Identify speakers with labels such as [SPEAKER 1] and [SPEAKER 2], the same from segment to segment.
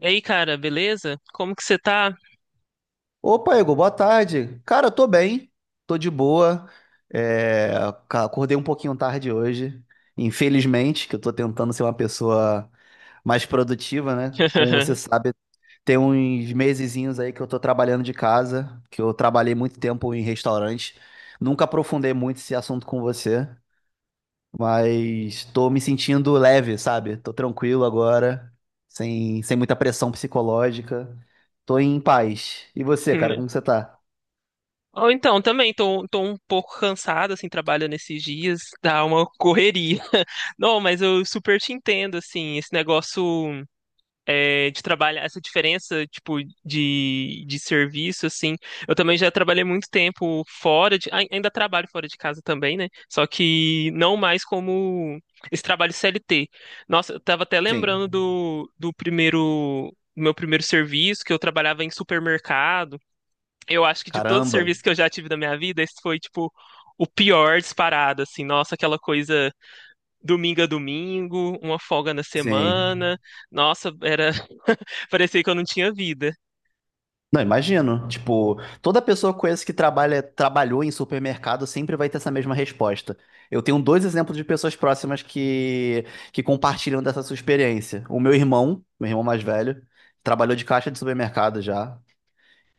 [SPEAKER 1] E aí, cara, beleza? Como que você tá?
[SPEAKER 2] Opa, Igor, boa tarde. Cara, eu tô bem, tô de boa. É, Acordei um pouquinho tarde hoje, infelizmente, que eu tô tentando ser uma pessoa mais produtiva, né? Como você sabe, tem uns mesezinhos aí que eu tô trabalhando de casa, que eu trabalhei muito tempo em restaurante. Nunca aprofundei muito esse assunto com você, mas tô me sentindo leve, sabe? Tô tranquilo agora, sem muita pressão psicológica. Tô em paz. E você, cara, como você tá?
[SPEAKER 1] Ou então, também tô um pouco cansado, assim, trabalhando esses dias, dá uma correria. Não, mas eu super te entendo, assim, esse negócio. É, de trabalho, essa diferença, tipo, de serviço, assim. Eu também já trabalhei muito tempo fora ainda trabalho fora de casa também, né? Só que não mais como esse trabalho CLT. Nossa, eu tava até
[SPEAKER 2] Sim.
[SPEAKER 1] lembrando do primeiro, do meu primeiro serviço, que eu trabalhava em supermercado. Eu acho que de todos os
[SPEAKER 2] Caramba.
[SPEAKER 1] serviços que eu já tive na minha vida, esse foi, tipo, o pior disparado, assim. Nossa, aquela coisa domingo a domingo, uma folga na
[SPEAKER 2] Sim.
[SPEAKER 1] semana. Nossa, era parecia que eu não tinha vida.
[SPEAKER 2] Não, imagino. Tipo, toda pessoa que eu conheço que trabalha, trabalhou em supermercado sempre vai ter essa mesma resposta. Eu tenho dois exemplos de pessoas próximas que compartilham dessa sua experiência. O meu irmão mais velho, trabalhou de caixa de supermercado já.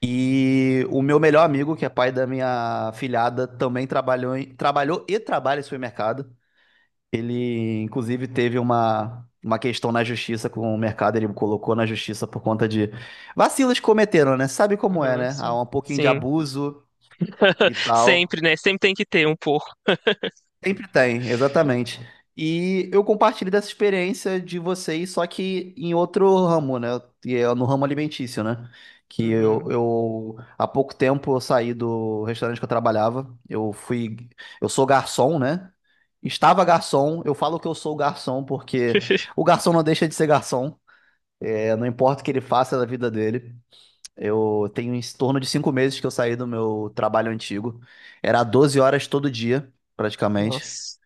[SPEAKER 2] E o meu melhor amigo, que é pai da minha filhada, também trabalhou e trabalha em supermercado. Ele, inclusive, teve uma questão na justiça com o mercado, ele colocou na justiça por conta de vacilos que cometeram, né? Sabe como é,
[SPEAKER 1] Uhum,
[SPEAKER 2] né?
[SPEAKER 1] sim.
[SPEAKER 2] Há um pouquinho de
[SPEAKER 1] Sim.
[SPEAKER 2] abuso e tal.
[SPEAKER 1] Sempre, né? Sempre tem que ter um porco.
[SPEAKER 2] Sempre tem, exatamente. E eu compartilho dessa experiência de vocês, só que em outro ramo, né? E é no ramo alimentício, né? Que
[SPEAKER 1] Uhum.
[SPEAKER 2] eu há pouco tempo eu saí do restaurante que eu trabalhava. Eu fui, eu sou garçom, né? Estava garçom, eu falo que eu sou garçom porque o garçom não deixa de ser garçom. É, não importa o que ele faça da vida dele. Eu tenho em torno de 5 meses que eu saí do meu trabalho antigo. Era 12 horas todo dia, praticamente.
[SPEAKER 1] Nossa.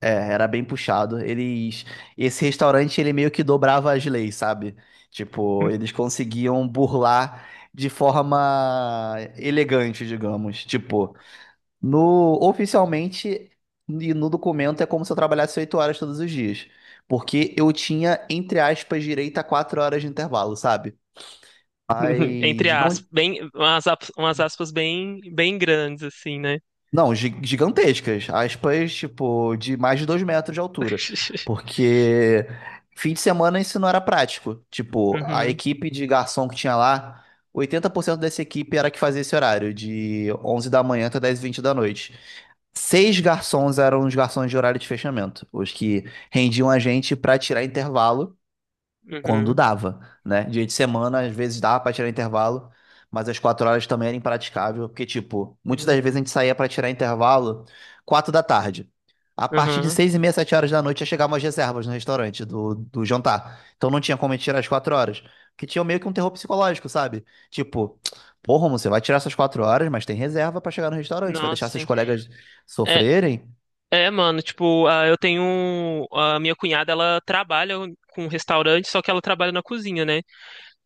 [SPEAKER 2] É, era bem puxado. Eles, esse restaurante ele meio que dobrava as leis, sabe? Tipo, eles conseguiam burlar de forma elegante, digamos. Tipo, no oficialmente e no documento é como se eu trabalhasse 8 horas todos os dias, porque eu tinha entre aspas direito a 4 horas de intervalo, sabe?
[SPEAKER 1] Entre
[SPEAKER 2] Mas não.
[SPEAKER 1] aspas. Bem, umas aspas bem, bem grandes, assim, né?
[SPEAKER 2] Não, gigantescas. Aspas, tipo, de mais de 2 metros de altura. Porque fim de semana isso não era prático. Tipo, a
[SPEAKER 1] Uhum,
[SPEAKER 2] equipe de garçom que tinha lá, 80% dessa equipe era que fazia esse horário, de 11 da manhã até 10 e 20 da noite. Seis garçons eram os garçons de horário de fechamento, os que rendiam a gente pra tirar intervalo quando
[SPEAKER 1] uhum,
[SPEAKER 2] dava, né? Dia de semana, às vezes dava pra tirar intervalo, mas às 4 horas também era impraticável, porque, tipo, muitas das
[SPEAKER 1] uhum,
[SPEAKER 2] vezes a gente saía pra tirar intervalo quatro da tarde. A partir de
[SPEAKER 1] uhum.
[SPEAKER 2] 6h30, 7 horas da noite, já chegavam as reservas no restaurante do jantar. Então não tinha como a gente tirar as 4 horas. Porque tinha meio que um terror psicológico, sabe? Tipo, porra, Romulo, você vai tirar essas 4 horas, mas tem reserva pra chegar no restaurante. Você vai
[SPEAKER 1] Nossa,
[SPEAKER 2] deixar seus
[SPEAKER 1] sim.
[SPEAKER 2] colegas
[SPEAKER 1] É,
[SPEAKER 2] sofrerem?
[SPEAKER 1] é, mano, tipo, ah, eu tenho. A minha cunhada, ela trabalha com restaurante, só que ela trabalha na cozinha, né?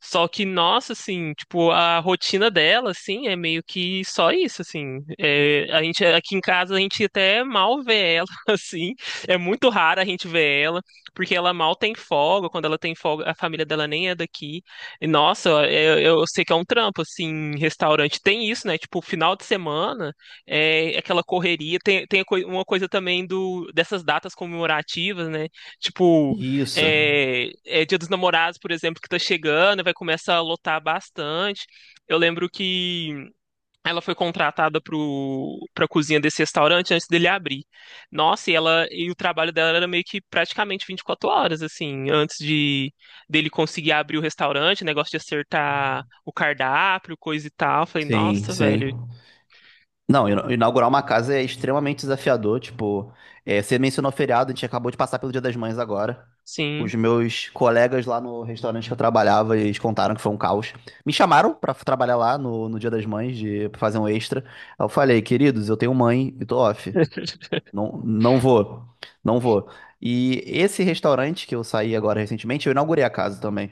[SPEAKER 1] Só que, nossa, assim, tipo, a rotina dela, assim, é meio que só isso, assim. É, a gente, aqui em casa, a gente até mal vê ela, assim. É muito raro a gente ver ela, porque ela mal tem folga. Quando ela tem folga, a família dela nem é daqui. E, nossa, eu sei que é um trampo, assim, restaurante. Tem isso, né? Tipo, final de semana, é é aquela correria. Tem uma coisa também dessas datas comemorativas, né? Tipo,
[SPEAKER 2] Isso.
[SPEAKER 1] é Dia dos Namorados, por exemplo, que tá chegando, vai começar a lotar bastante. Eu lembro que ela foi contratada pra cozinha desse restaurante antes dele abrir. Nossa, e ela e o trabalho dela era meio que praticamente 24 horas, assim, antes de dele conseguir abrir o restaurante, negócio de acertar o cardápio, coisa e tal. Eu falei,
[SPEAKER 2] Sim,
[SPEAKER 1] nossa, velho,
[SPEAKER 2] sim. Não, inaugurar uma casa é extremamente desafiador. Tipo, é, você mencionou feriado, a gente acabou de passar pelo Dia das Mães agora.
[SPEAKER 1] sim.
[SPEAKER 2] Os meus colegas lá no restaurante que eu trabalhava, eles contaram que foi um caos. Me chamaram pra trabalhar lá no Dia das Mães, de pra fazer um extra. Aí eu falei, queridos, eu tenho mãe e tô off. Não, não vou, não vou. E esse restaurante que eu saí agora recentemente, eu inaugurei a casa também.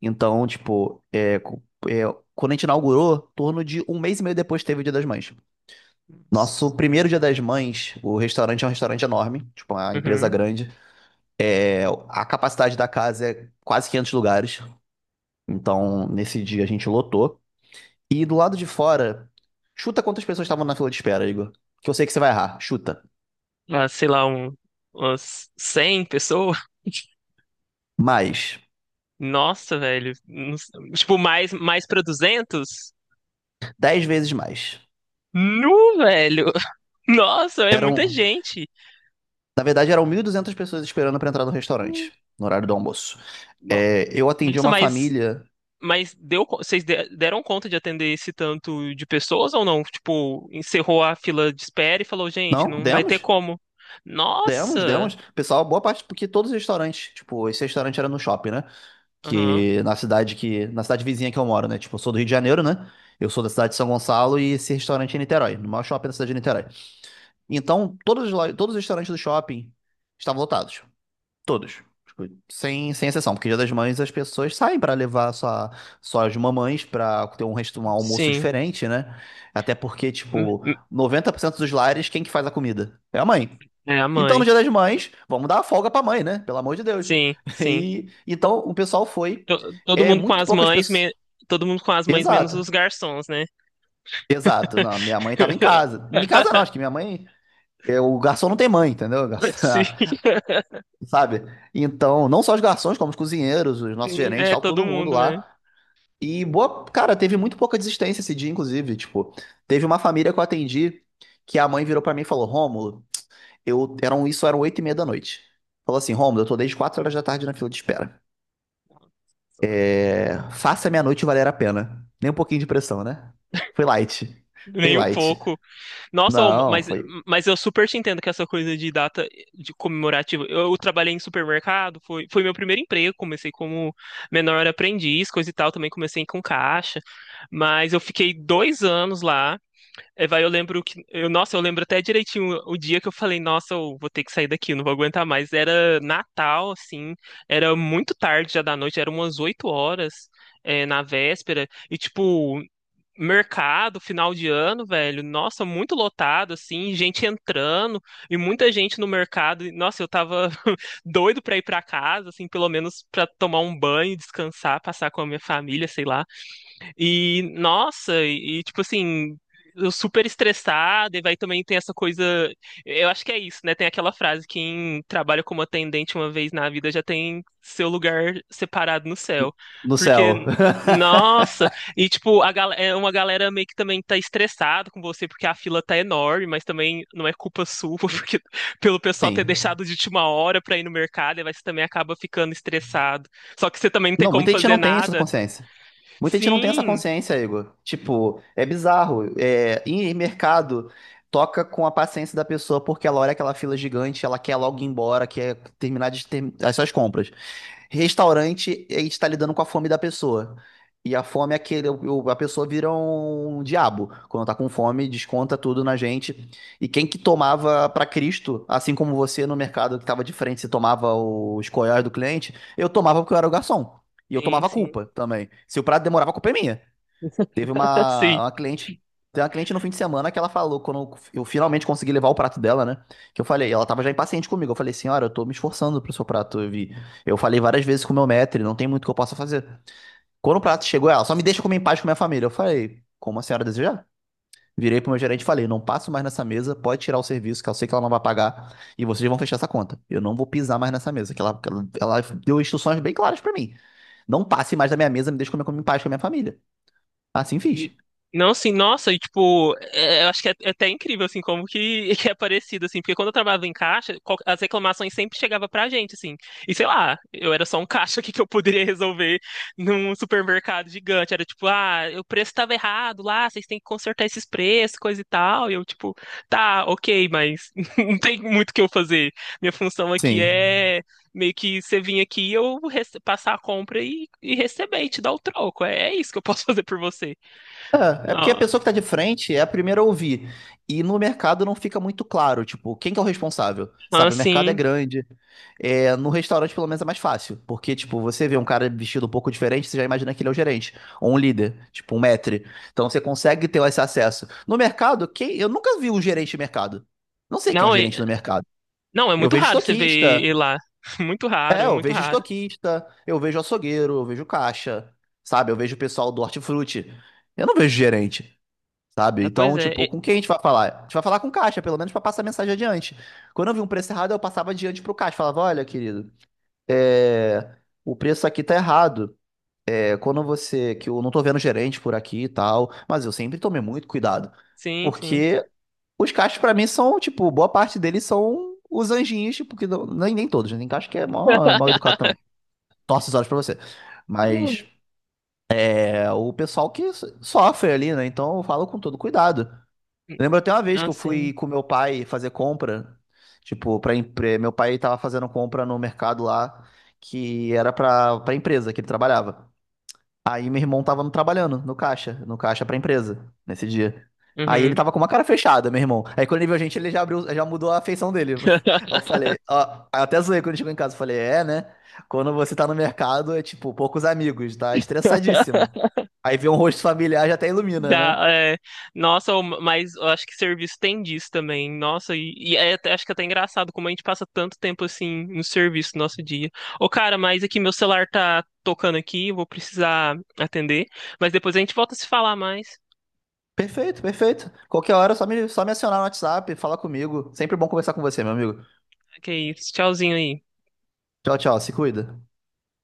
[SPEAKER 2] Então, tipo, é, quando a gente inaugurou, torno de um mês e meio depois teve o Dia das Mães. Nosso primeiro Dia das Mães, o restaurante é um restaurante enorme, tipo uma empresa
[SPEAKER 1] Uhum.
[SPEAKER 2] grande. É, a capacidade da casa é quase 500 lugares, então nesse dia a gente lotou. E do lado de fora, chuta quantas pessoas estavam na fila de espera, Igor. Que eu sei que você vai errar, chuta.
[SPEAKER 1] Ah, sei lá, umas 100 pessoas.
[SPEAKER 2] Mais,
[SPEAKER 1] Nossa, velho. Não s- Tipo, mais pra 200?
[SPEAKER 2] 10 vezes mais.
[SPEAKER 1] Nu, velho. Nossa, é muita
[SPEAKER 2] Eram,
[SPEAKER 1] gente.
[SPEAKER 2] na verdade, eram 1.200 pessoas esperando pra entrar no
[SPEAKER 1] Nu.
[SPEAKER 2] restaurante, no horário do almoço.
[SPEAKER 1] No-
[SPEAKER 2] É, eu atendi
[SPEAKER 1] Nossa,
[SPEAKER 2] uma
[SPEAKER 1] mas,
[SPEAKER 2] família.
[SPEAKER 1] vocês deram conta de atender esse tanto de pessoas ou não? Tipo, encerrou a fila de espera e falou, gente,
[SPEAKER 2] Não,
[SPEAKER 1] não vai ter
[SPEAKER 2] demos?
[SPEAKER 1] como.
[SPEAKER 2] Demos,
[SPEAKER 1] Nossa!
[SPEAKER 2] demos. Pessoal, boa parte, porque todos os restaurantes, tipo, esse restaurante era no shopping, né?
[SPEAKER 1] Aham,
[SPEAKER 2] Que na cidade vizinha que eu moro, né? Tipo, eu sou do Rio de Janeiro, né? Eu sou da cidade de São Gonçalo e esse restaurante é em Niterói, no maior shopping da cidade de Niterói. Então, todos os restaurantes do shopping estavam lotados, todos. Tipo, sem, sem exceção, porque Dia das Mães as pessoas saem pra levar suas mamães pra ter um, resto, um almoço
[SPEAKER 1] sim.
[SPEAKER 2] diferente, né? Até porque,
[SPEAKER 1] M-
[SPEAKER 2] tipo,
[SPEAKER 1] m-
[SPEAKER 2] 90% dos lares, quem que faz a comida? É a mãe.
[SPEAKER 1] É a
[SPEAKER 2] Então, no
[SPEAKER 1] mãe.
[SPEAKER 2] Dia das Mães, vamos dar a folga pra mãe, né? Pelo amor de Deus.
[SPEAKER 1] Sim, sim.
[SPEAKER 2] E, então, o pessoal foi.
[SPEAKER 1] Todo
[SPEAKER 2] É,
[SPEAKER 1] mundo com
[SPEAKER 2] muito
[SPEAKER 1] as
[SPEAKER 2] poucas
[SPEAKER 1] mães,
[SPEAKER 2] pessoas.
[SPEAKER 1] todo mundo com as mães menos
[SPEAKER 2] Exato.
[SPEAKER 1] os garçons, né?
[SPEAKER 2] Exato. Não, minha mãe tava em casa. Em casa não, acho que minha mãe. É, o garçom não tem mãe, entendeu? Garçom-
[SPEAKER 1] Sim.
[SPEAKER 2] Sabe? Então, não só os garçons, como os cozinheiros, os nossos
[SPEAKER 1] Sim,
[SPEAKER 2] gerentes,
[SPEAKER 1] é
[SPEAKER 2] tal,
[SPEAKER 1] todo
[SPEAKER 2] todo mundo
[SPEAKER 1] mundo, né?
[SPEAKER 2] lá. E boa, cara, teve muito pouca desistência esse dia, inclusive. Tipo, teve uma família que eu atendi que a mãe virou pra mim e falou: Rômulo. Eu, eram, isso eram 20h30. Falou assim, Rômulo, eu tô desde 16 horas da tarde na fila de espera. É, faça a minha noite valer a pena. Nem um pouquinho de pressão, né? Foi light. Foi
[SPEAKER 1] Nem um
[SPEAKER 2] light.
[SPEAKER 1] pouco. Nossa, ô,
[SPEAKER 2] Não, foi
[SPEAKER 1] mas eu super te entendo que essa coisa de data de comemorativa. Eu trabalhei em supermercado, foi meu primeiro emprego. Comecei como menor aprendiz, coisa e tal. Também comecei com caixa. Mas eu fiquei dois anos lá. É, vai, eu lembro que. Eu, nossa, eu lembro até direitinho o dia que eu falei, nossa, eu vou ter que sair daqui, eu não vou aguentar mais. Era Natal, assim, era muito tarde já da noite, era umas 8 horas, na véspera, e tipo, mercado, final de ano, velho, nossa, muito lotado, assim, gente entrando, e muita gente no mercado. E, nossa, eu tava doido pra ir pra casa, assim, pelo menos pra tomar um banho, descansar, passar com a minha família, sei lá. E, nossa, tipo assim, eu super estressada, e vai também tem essa coisa. Eu acho que é isso, né? Tem aquela frase: quem trabalha como atendente uma vez na vida já tem seu lugar separado no céu.
[SPEAKER 2] no
[SPEAKER 1] Porque,
[SPEAKER 2] céu.
[SPEAKER 1] nossa, e tipo, é uma galera meio que também tá estressada com você porque a fila tá enorme, mas também não é culpa sua, porque pelo pessoal ter
[SPEAKER 2] Sim.
[SPEAKER 1] deixado de última hora pra ir no mercado, e aí você também acaba ficando estressado. Só que você também não tem
[SPEAKER 2] Não,
[SPEAKER 1] como
[SPEAKER 2] muita gente
[SPEAKER 1] fazer
[SPEAKER 2] não tem essa
[SPEAKER 1] nada.
[SPEAKER 2] consciência. Muita gente não tem essa
[SPEAKER 1] Sim.
[SPEAKER 2] consciência, Igor. Tipo, é bizarro. É, em mercado, toca com a paciência da pessoa porque ela olha aquela fila gigante, ela quer logo ir embora, quer terminar de ter as suas compras. Restaurante, a gente tá lidando com a fome da pessoa. E a fome é aquele, a pessoa vira um diabo. Quando tá com fome, desconta tudo na gente. E quem que tomava pra Cristo, assim como você no mercado que tava de frente, você tomava os coiós do cliente, eu tomava porque eu era o garçom. E eu
[SPEAKER 1] Sim,
[SPEAKER 2] tomava a
[SPEAKER 1] sim.
[SPEAKER 2] culpa também. Se o prato demorava, a culpa é minha. Teve
[SPEAKER 1] Sim.
[SPEAKER 2] uma cliente, tem uma cliente no fim de semana que ela falou, quando eu finalmente consegui levar o prato dela, né? Que eu falei, ela tava já impaciente comigo. Eu falei, senhora, eu tô me esforçando pro seu prato. Eu vi, eu falei várias vezes com o meu maître, não tem muito que eu possa fazer. Quando o prato chegou, ela só me deixa comer em paz com a minha família. Eu falei, como a senhora desejar? Virei pro meu gerente e falei, não passo mais nessa mesa, pode tirar o serviço, que eu sei que ela não vai pagar, e vocês vão fechar essa conta. Eu não vou pisar mais nessa mesa, que ela deu instruções bem claras pra mim. Não passe mais da minha mesa, me deixe comer, comer em paz com a minha família. Assim
[SPEAKER 1] E-
[SPEAKER 2] fiz.
[SPEAKER 1] Não, assim, nossa, e tipo, eu acho que é até incrível, assim, como que, que é parecido, assim, porque quando eu trabalhava em caixa, as reclamações sempre chegavam pra gente, assim, e sei lá, eu era só um caixa, o que que eu poderia resolver num supermercado gigante? Era tipo, ah, o preço tava errado lá, vocês têm que consertar esses preços, coisa e tal, e eu, tipo, tá, ok, mas não tem muito o que eu fazer. Minha função aqui
[SPEAKER 2] Sim.
[SPEAKER 1] é meio que você vir aqui, passar a compra e, receber, e te dar o troco, é isso que eu posso fazer por você.
[SPEAKER 2] É, é porque a
[SPEAKER 1] Não,
[SPEAKER 2] pessoa que tá de frente é a primeira a ouvir. E no mercado não fica muito claro, tipo, quem que é o responsável? Sabe, o mercado é
[SPEAKER 1] assim,
[SPEAKER 2] grande. É, no restaurante, pelo menos, é mais fácil. Porque, tipo, você vê um cara vestido um pouco diferente, você já imagina que ele é o gerente. Ou um líder, tipo, um maître. Então você consegue ter esse acesso. No mercado, quem… eu nunca vi um gerente de mercado. Não sei quem é um
[SPEAKER 1] não, é,
[SPEAKER 2] gerente no mercado.
[SPEAKER 1] não, é
[SPEAKER 2] Eu
[SPEAKER 1] muito
[SPEAKER 2] vejo
[SPEAKER 1] raro você ver
[SPEAKER 2] estoquista.
[SPEAKER 1] ele lá. Muito
[SPEAKER 2] É,
[SPEAKER 1] raro,
[SPEAKER 2] eu
[SPEAKER 1] muito
[SPEAKER 2] vejo
[SPEAKER 1] raro.
[SPEAKER 2] estoquista. Eu vejo açougueiro. Eu vejo caixa. Sabe, eu vejo o pessoal do hortifruti. Eu não vejo gerente. Sabe?
[SPEAKER 1] Ah, pois
[SPEAKER 2] Então,
[SPEAKER 1] é,
[SPEAKER 2] tipo, com quem a gente vai falar? A gente vai falar com o caixa, pelo menos pra passar a mensagem adiante. Quando eu vi um preço errado, eu passava adiante pro caixa. Falava, olha, querido, é, o preço aqui tá errado. É, quando você… Que eu não tô vendo gerente por aqui e tal. Mas eu sempre tomei muito cuidado.
[SPEAKER 1] sim, sim.
[SPEAKER 2] Porque os caixas, pra mim, são, tipo… Boa parte deles são os anjinhos, tipo… Que não- nem, nem todos, né? Tem caixa que é mal, mal educado também. Torce os olhos pra você. Mas é o pessoal que sofre ali, né? Então eu falo com todo cuidado. Lembro até uma vez que
[SPEAKER 1] Não,
[SPEAKER 2] eu
[SPEAKER 1] sim.
[SPEAKER 2] fui com meu pai fazer compra, tipo, para meu pai tava fazendo compra no mercado lá que era pra para empresa que ele trabalhava. Aí meu irmão tava trabalhando no caixa, no caixa pra empresa nesse dia. Aí ele
[SPEAKER 1] Uhum.
[SPEAKER 2] tava com uma cara fechada, meu irmão. Aí quando ele viu a gente, ele já abriu, já mudou a feição dele. Aí eu falei, ó, aí eu até zoei quando chegou em casa, eu falei, é, né? Quando você tá no mercado é tipo poucos amigos, tá estressadíssimo. Aí vê um rosto familiar já até ilumina, né?
[SPEAKER 1] Já, é, nossa, mas eu acho que serviço tem disso também. Nossa, e acho que é até engraçado como a gente passa tanto tempo assim no serviço no nosso dia. Ô, cara, mas aqui meu celular tá tocando aqui, eu vou precisar atender. Mas depois a gente volta a se falar mais.
[SPEAKER 2] Perfeito, perfeito. Qualquer hora, é só me acionar no WhatsApp, falar comigo. Sempre bom conversar com você, meu amigo.
[SPEAKER 1] Ok, tchauzinho aí.
[SPEAKER 2] Tchau, tchau. Se cuida.